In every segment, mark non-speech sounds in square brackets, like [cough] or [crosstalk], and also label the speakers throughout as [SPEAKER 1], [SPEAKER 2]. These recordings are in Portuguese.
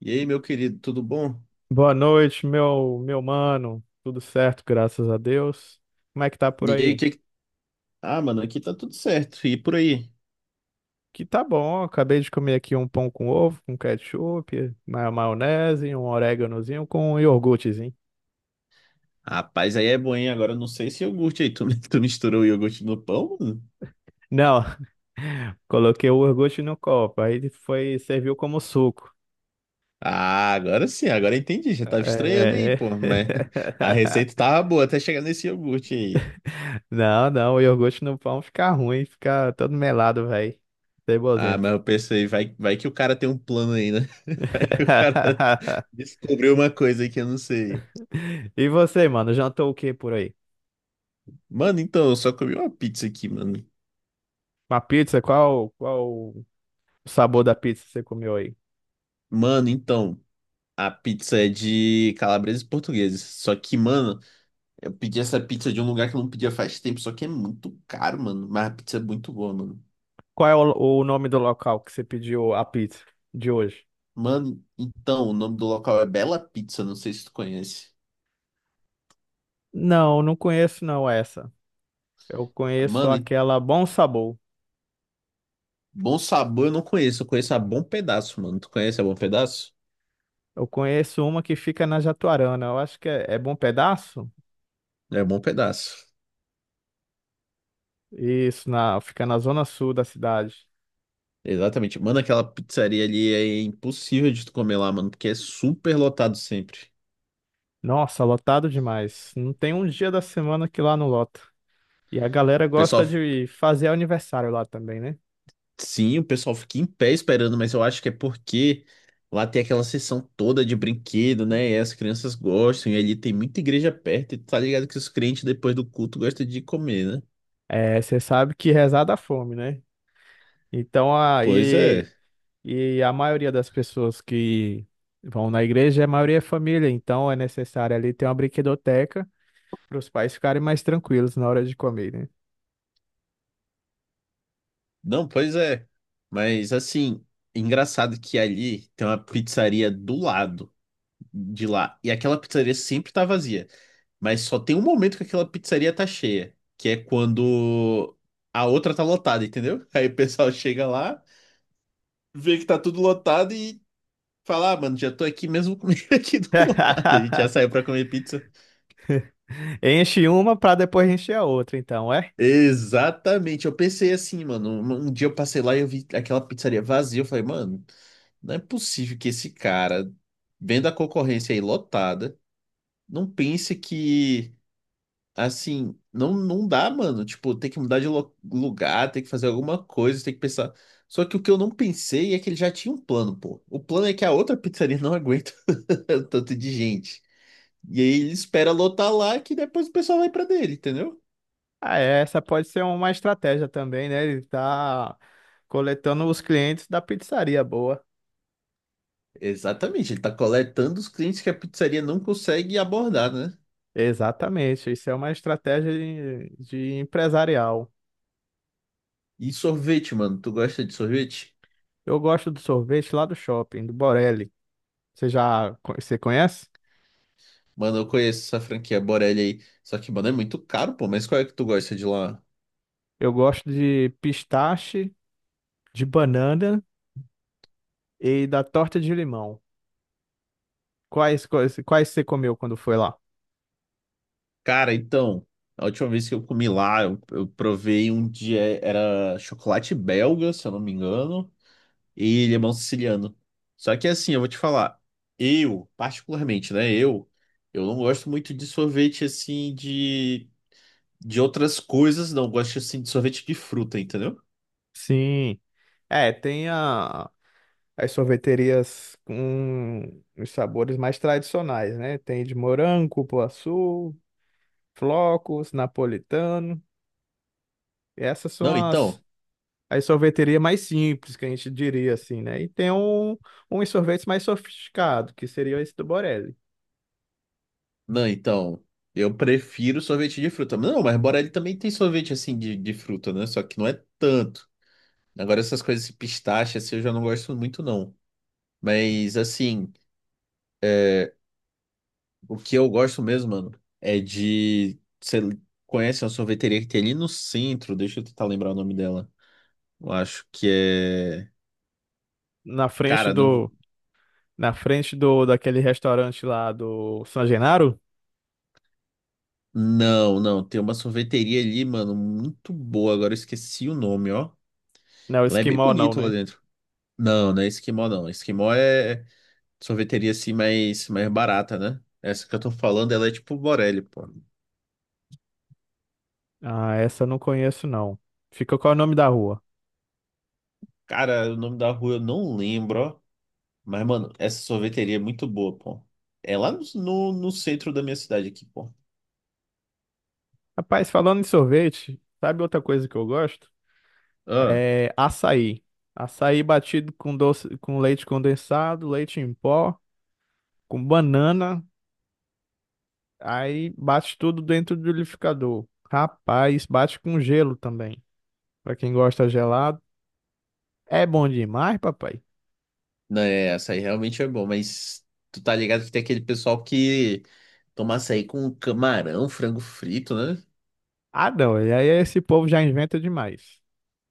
[SPEAKER 1] E aí, meu querido, tudo bom?
[SPEAKER 2] Boa noite, meu mano. Tudo certo, graças a Deus. Como é que tá por
[SPEAKER 1] E aí,
[SPEAKER 2] aí?
[SPEAKER 1] tá? Ah, mano, aqui tá tudo certo. E por aí?
[SPEAKER 2] Que tá bom, acabei de comer aqui um pão com ovo, com ketchup, maionese, um oréganozinho com um iogurtezinho.
[SPEAKER 1] Rapaz, aí é bom, hein? Agora eu não sei se iogurte aí. Tu, [laughs] tu misturou o iogurte no pão, mano?
[SPEAKER 2] Não, [laughs] coloquei o iogurte no copo, aí foi, serviu como suco.
[SPEAKER 1] Ah, agora sim, agora eu entendi. Já tava estranhando aí,
[SPEAKER 2] É.
[SPEAKER 1] pô. Mas [laughs] a receita
[SPEAKER 2] [laughs]
[SPEAKER 1] tava boa até chegar nesse iogurte aí.
[SPEAKER 2] Não, não, o iogurte no pão fica ruim, fica todo melado, velho.
[SPEAKER 1] Ah,
[SPEAKER 2] Cebosento.
[SPEAKER 1] mas eu pensei, vai que o cara tem um plano aí, né? [laughs] Vai que o cara
[SPEAKER 2] [laughs]
[SPEAKER 1] [laughs] descobriu uma coisa aí que eu não sei.
[SPEAKER 2] E você, mano, jantou o que por aí?
[SPEAKER 1] Mano, então, eu só comi uma pizza aqui, mano.
[SPEAKER 2] Uma pizza? Qual o sabor da pizza que você comeu aí?
[SPEAKER 1] Mano, então, a pizza é de calabreses portugueses. Só que, mano. Eu pedi essa pizza de um lugar que eu não pedia faz tempo, só que é muito caro, mano. Mas a pizza é muito boa, mano.
[SPEAKER 2] Qual é o nome do local que você pediu a pizza de hoje?
[SPEAKER 1] Mano, então, o nome do local é Bela Pizza, não sei se tu conhece.
[SPEAKER 2] Não, não conheço não essa. Eu conheço
[SPEAKER 1] Mano, e
[SPEAKER 2] aquela Bom Sabor.
[SPEAKER 1] Bom Sabor eu não conheço, eu conheço a Bom Pedaço, mano. Tu conhece a Bom Pedaço?
[SPEAKER 2] Eu conheço uma que fica na Jatuarana. Eu acho que é Bom Pedaço?
[SPEAKER 1] É Bom Pedaço.
[SPEAKER 2] Isso, fica na zona sul da cidade.
[SPEAKER 1] Exatamente. Mano, aquela pizzaria ali é impossível de tu comer lá, mano, porque é super lotado sempre.
[SPEAKER 2] Nossa, lotado demais. Não tem um dia da semana que lá não lota. E a galera
[SPEAKER 1] O
[SPEAKER 2] gosta
[SPEAKER 1] pessoal
[SPEAKER 2] de fazer aniversário lá também, né?
[SPEAKER 1] sim, o pessoal fica em pé esperando, mas eu acho que é porque lá tem aquela seção toda de brinquedo, né? E as crianças gostam, e ali tem muita igreja perto, e tá ligado que os crentes depois do culto gostam de comer, né?
[SPEAKER 2] É, você sabe que rezar dá fome, né? Então
[SPEAKER 1] Pois é.
[SPEAKER 2] aí e a maioria das pessoas que vão na igreja, a maioria é família, então é necessário ali ter uma brinquedoteca para os pais ficarem mais tranquilos na hora de comer, né?
[SPEAKER 1] Não, pois é. Mas assim, engraçado que ali tem uma pizzaria do lado de lá, e aquela pizzaria sempre tá vazia, mas só tem um momento que aquela pizzaria tá cheia, que é quando a outra tá lotada, entendeu? Aí o pessoal chega lá vê que tá tudo lotado e falar, "Ah, mano, já tô aqui mesmo comigo [laughs] aqui do lado. A gente já
[SPEAKER 2] [laughs]
[SPEAKER 1] saiu pra comer pizza.
[SPEAKER 2] Enche uma para depois encher a outra, então, é?
[SPEAKER 1] Exatamente. Eu pensei assim, mano. Um dia eu passei lá e eu vi aquela pizzaria vazia. Eu falei, mano, não é possível que esse cara, vendo a concorrência aí lotada, não pense que, assim, não, não dá, mano. Tipo, tem que mudar de lugar, tem que fazer alguma coisa, tem que pensar. Só que o que eu não pensei é que ele já tinha um plano, pô. O plano é que a outra pizzaria não aguenta [laughs] tanto de gente. E aí ele espera lotar lá que depois o pessoal vai pra dele, entendeu?
[SPEAKER 2] Ah, é, essa pode ser uma estratégia também, né? Ele tá coletando os clientes da pizzaria boa.
[SPEAKER 1] Exatamente, ele tá coletando os clientes que a pizzaria não consegue abordar, né?
[SPEAKER 2] Exatamente, isso é uma estratégia de empresarial.
[SPEAKER 1] E sorvete, mano, tu gosta de sorvete?
[SPEAKER 2] Eu gosto do sorvete lá do shopping, do Borelli. Você já você conhece?
[SPEAKER 1] Mano, eu conheço essa franquia Borelli aí, só que, mano, é muito caro, pô, mas qual é que tu gosta de lá?
[SPEAKER 2] Eu gosto de pistache, de banana e da torta de limão. Quais você comeu quando foi lá?
[SPEAKER 1] Cara, então, a última vez que eu comi lá, eu provei um dia, era chocolate belga, se eu não me engano, e limão siciliano. Só que assim, eu vou te falar, eu, particularmente, né, eu não gosto muito de sorvete assim de outras coisas, não gosto assim de sorvete de fruta, entendeu?
[SPEAKER 2] Sim. É, as sorveterias com os sabores mais tradicionais, né? Tem de morango, cupuaçu, flocos, napolitano. Essas são
[SPEAKER 1] Não, então,
[SPEAKER 2] as sorveterias mais simples, que a gente diria assim, né? E tem uns sorvetes mais sofisticados, que seria esse do Borelli.
[SPEAKER 1] não, então, eu prefiro sorvete de fruta. Não, mas Borelli também tem sorvete assim de fruta, né? Só que não é tanto. Agora essas coisas, esse pistache, assim, eu já não gosto muito, não. Mas assim, o que eu gosto mesmo, mano, é de. Você conhece uma sorveteria que tem ali no centro? Deixa eu tentar lembrar o nome dela. Eu acho que é.
[SPEAKER 2] Na frente
[SPEAKER 1] Cara, não.
[SPEAKER 2] do, Na frente do daquele restaurante lá do San Genaro?
[SPEAKER 1] Não, não. Tem uma sorveteria ali, mano, muito boa. Agora eu esqueci o nome, ó.
[SPEAKER 2] Não,
[SPEAKER 1] Ela é bem
[SPEAKER 2] Esquimó não,
[SPEAKER 1] bonito lá
[SPEAKER 2] né?
[SPEAKER 1] dentro. Não, não é Esquimó, não. Esquimó é sorveteria assim mais barata, né? Essa que eu tô falando, ela é tipo Borelli, pô.
[SPEAKER 2] Ah, essa eu não conheço não. Fica qual é o nome da rua?
[SPEAKER 1] Cara, o nome da rua eu não lembro, ó. Mas, mano, essa sorveteria é muito boa, pô. É lá no centro da minha cidade aqui, pô.
[SPEAKER 2] Rapaz, falando em sorvete, sabe outra coisa que eu gosto?
[SPEAKER 1] Ah,
[SPEAKER 2] É açaí. Açaí batido com doce, com leite condensado, leite em pó, com banana, aí bate tudo dentro do liquidificador. Rapaz, bate com gelo também. Pra quem gosta gelado, é bom demais, papai.
[SPEAKER 1] não, é, açaí realmente é bom, mas tu tá ligado que tem aquele pessoal que toma açaí com camarão, frango frito, né?
[SPEAKER 2] Ah, não, e aí esse povo já inventa demais.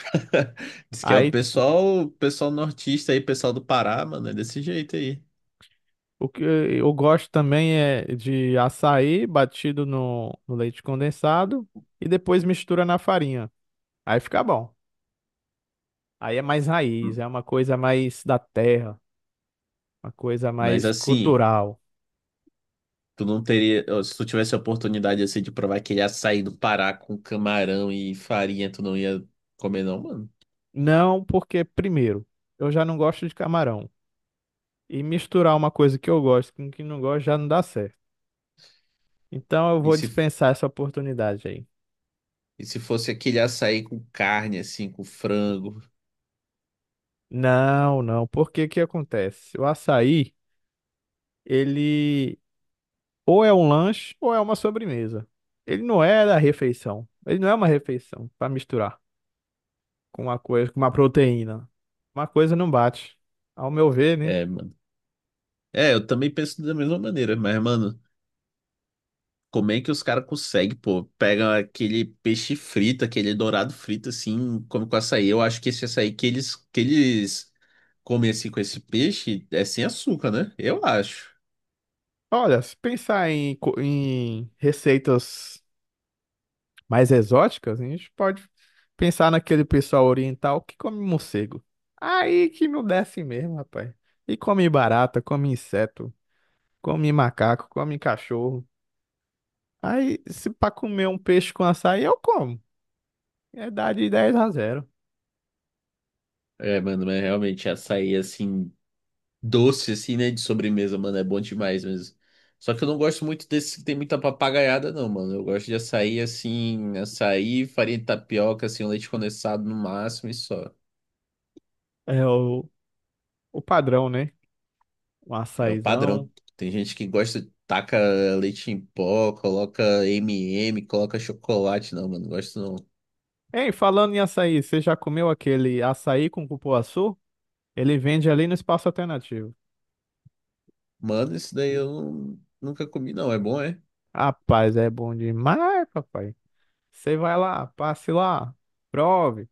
[SPEAKER 1] [laughs] Diz que é
[SPEAKER 2] Aí
[SPEAKER 1] o pessoal nortista aí, pessoal do Pará, mano, é desse jeito aí.
[SPEAKER 2] o que eu gosto também é de açaí batido no leite condensado e depois mistura na farinha. Aí fica bom. Aí é mais raiz, é uma coisa mais da terra, uma coisa
[SPEAKER 1] Mas
[SPEAKER 2] mais
[SPEAKER 1] assim,
[SPEAKER 2] cultural.
[SPEAKER 1] tu não teria, ó, se tu tivesse a oportunidade assim de provar aquele açaí do Pará com camarão e farinha, tu não ia comer não, mano.
[SPEAKER 2] Não, porque, primeiro, eu já não gosto de camarão. E misturar uma coisa que eu gosto com que não gosto já não dá certo. Então eu
[SPEAKER 1] E
[SPEAKER 2] vou
[SPEAKER 1] se
[SPEAKER 2] dispensar essa oportunidade aí.
[SPEAKER 1] E se fosse aquele açaí com carne, assim, com frango.
[SPEAKER 2] Não, não, porque o que acontece? O açaí, ele ou é um lanche ou é uma sobremesa. Ele não é da refeição. Ele não é uma refeição para misturar com uma coisa, com uma proteína. Uma coisa não bate. Ao meu ver, né?
[SPEAKER 1] É, é, eu também penso da mesma maneira, mas, mano, como é que os caras conseguem, pô? Pega aquele peixe frito, aquele dourado frito, assim, come com açaí. Eu acho que esse açaí que eles comem, assim, com esse peixe é sem açúcar, né? Eu acho.
[SPEAKER 2] Olha, se pensar em receitas mais exóticas, a gente pode pensar naquele pessoal oriental que come morcego. Aí que não desce mesmo, rapaz. E come barata, come inseto, come macaco, come cachorro. Aí, se para comer um peixe com açaí, eu como. É dar de 10 a 0,
[SPEAKER 1] É, mano, mas realmente açaí, assim. Doce, assim, né? De sobremesa, mano. É bom demais mesmo. Só que eu não gosto muito desse que tem muita papagaiada, não, mano. Eu gosto de açaí, assim, açaí, farinha de tapioca, assim, um leite condensado no máximo e só.
[SPEAKER 2] é o padrão, né? Um
[SPEAKER 1] É o padrão.
[SPEAKER 2] açaizão.
[SPEAKER 1] Tem gente que gosta, taca leite em pó, coloca M&M, coloca chocolate. Não, mano, não gosto não.
[SPEAKER 2] Ei, falando em açaí, você já comeu aquele açaí com cupuaçu? Ele vende ali no espaço alternativo.
[SPEAKER 1] Mano, isso daí eu nunca comi, não. É bom, é?
[SPEAKER 2] Rapaz, é bom demais, papai. Você vai lá, passe lá, prove.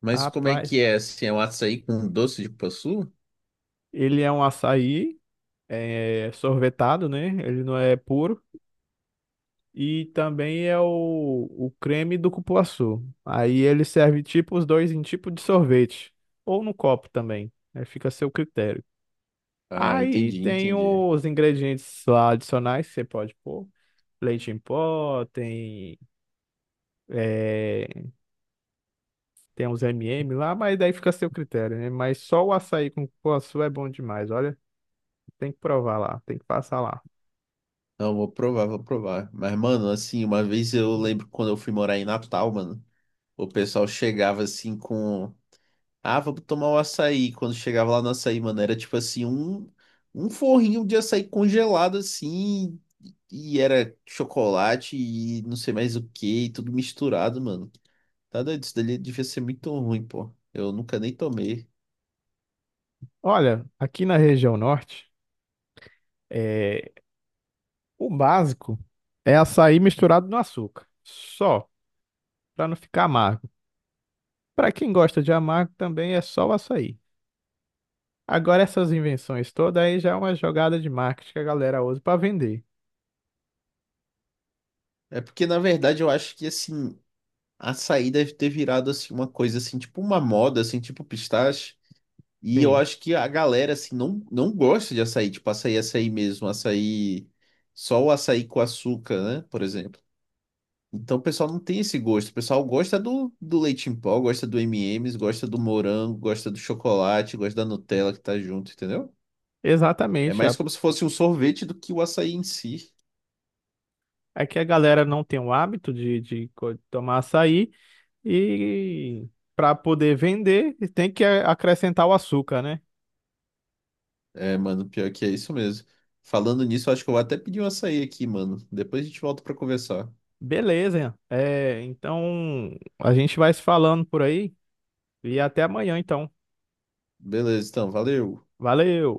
[SPEAKER 1] Mas como é
[SPEAKER 2] Rapaz,
[SPEAKER 1] que é? Assim, é um açaí com doce de cupuaçu?
[SPEAKER 2] ele é um açaí é, sorvetado, né? Ele não é puro. E também é o creme do cupuaçu. Aí ele serve tipo os dois em tipo de sorvete, ou no copo também, né? Fica a seu critério.
[SPEAKER 1] Ah,
[SPEAKER 2] Aí
[SPEAKER 1] entendi,
[SPEAKER 2] tem
[SPEAKER 1] entendi.
[SPEAKER 2] os ingredientes lá adicionais que você pode pôr. Leite em pó, tem, eh, tem uns MM lá, mas daí fica a seu critério, né? Mas só o açaí com cupuaçu é bom demais, olha. Tem que provar lá, tem que passar lá.
[SPEAKER 1] Não, vou provar, vou provar. Mas, mano, assim, uma vez eu lembro quando eu fui morar em Natal, mano, o pessoal chegava assim com. Ah, vamos tomar um açaí. Quando chegava lá no açaí, mano, era tipo assim, um forrinho de açaí congelado, assim, e era chocolate e não sei mais o que, e tudo misturado, mano. Tá doido? Isso dali devia ser muito ruim, pô. Eu nunca nem tomei.
[SPEAKER 2] Olha, aqui na região norte, eh, o básico é açaí misturado no açúcar, só, para não ficar amargo. Para quem gosta de amargo também é só o açaí. Agora essas invenções todas aí já é uma jogada de marketing que a galera usa para vender.
[SPEAKER 1] É porque, na verdade, eu acho que, assim, açaí deve ter virado, assim, uma coisa, assim, tipo uma moda, assim, tipo pistache. E eu
[SPEAKER 2] Sim,
[SPEAKER 1] acho que a galera, assim, não gosta de açaí, tipo, açaí, açaí mesmo, açaí, só o açaí com açúcar, né, por exemplo. Então o pessoal não tem esse gosto, o pessoal gosta do leite em pó, gosta do M&M's, gosta do morango, gosta do chocolate, gosta da Nutella que tá junto, entendeu? É
[SPEAKER 2] exatamente.
[SPEAKER 1] mais como se fosse um sorvete do que o açaí em si.
[SPEAKER 2] É que a galera não tem o hábito de tomar açaí e para poder vender tem que acrescentar o açúcar, né?
[SPEAKER 1] É, mano, pior que é isso mesmo. Falando nisso, eu acho que eu vou até pedir um açaí aqui, mano. Depois a gente volta pra conversar.
[SPEAKER 2] Beleza, é, então a gente vai se falando por aí e até amanhã então.
[SPEAKER 1] Beleza, então, valeu.
[SPEAKER 2] Valeu!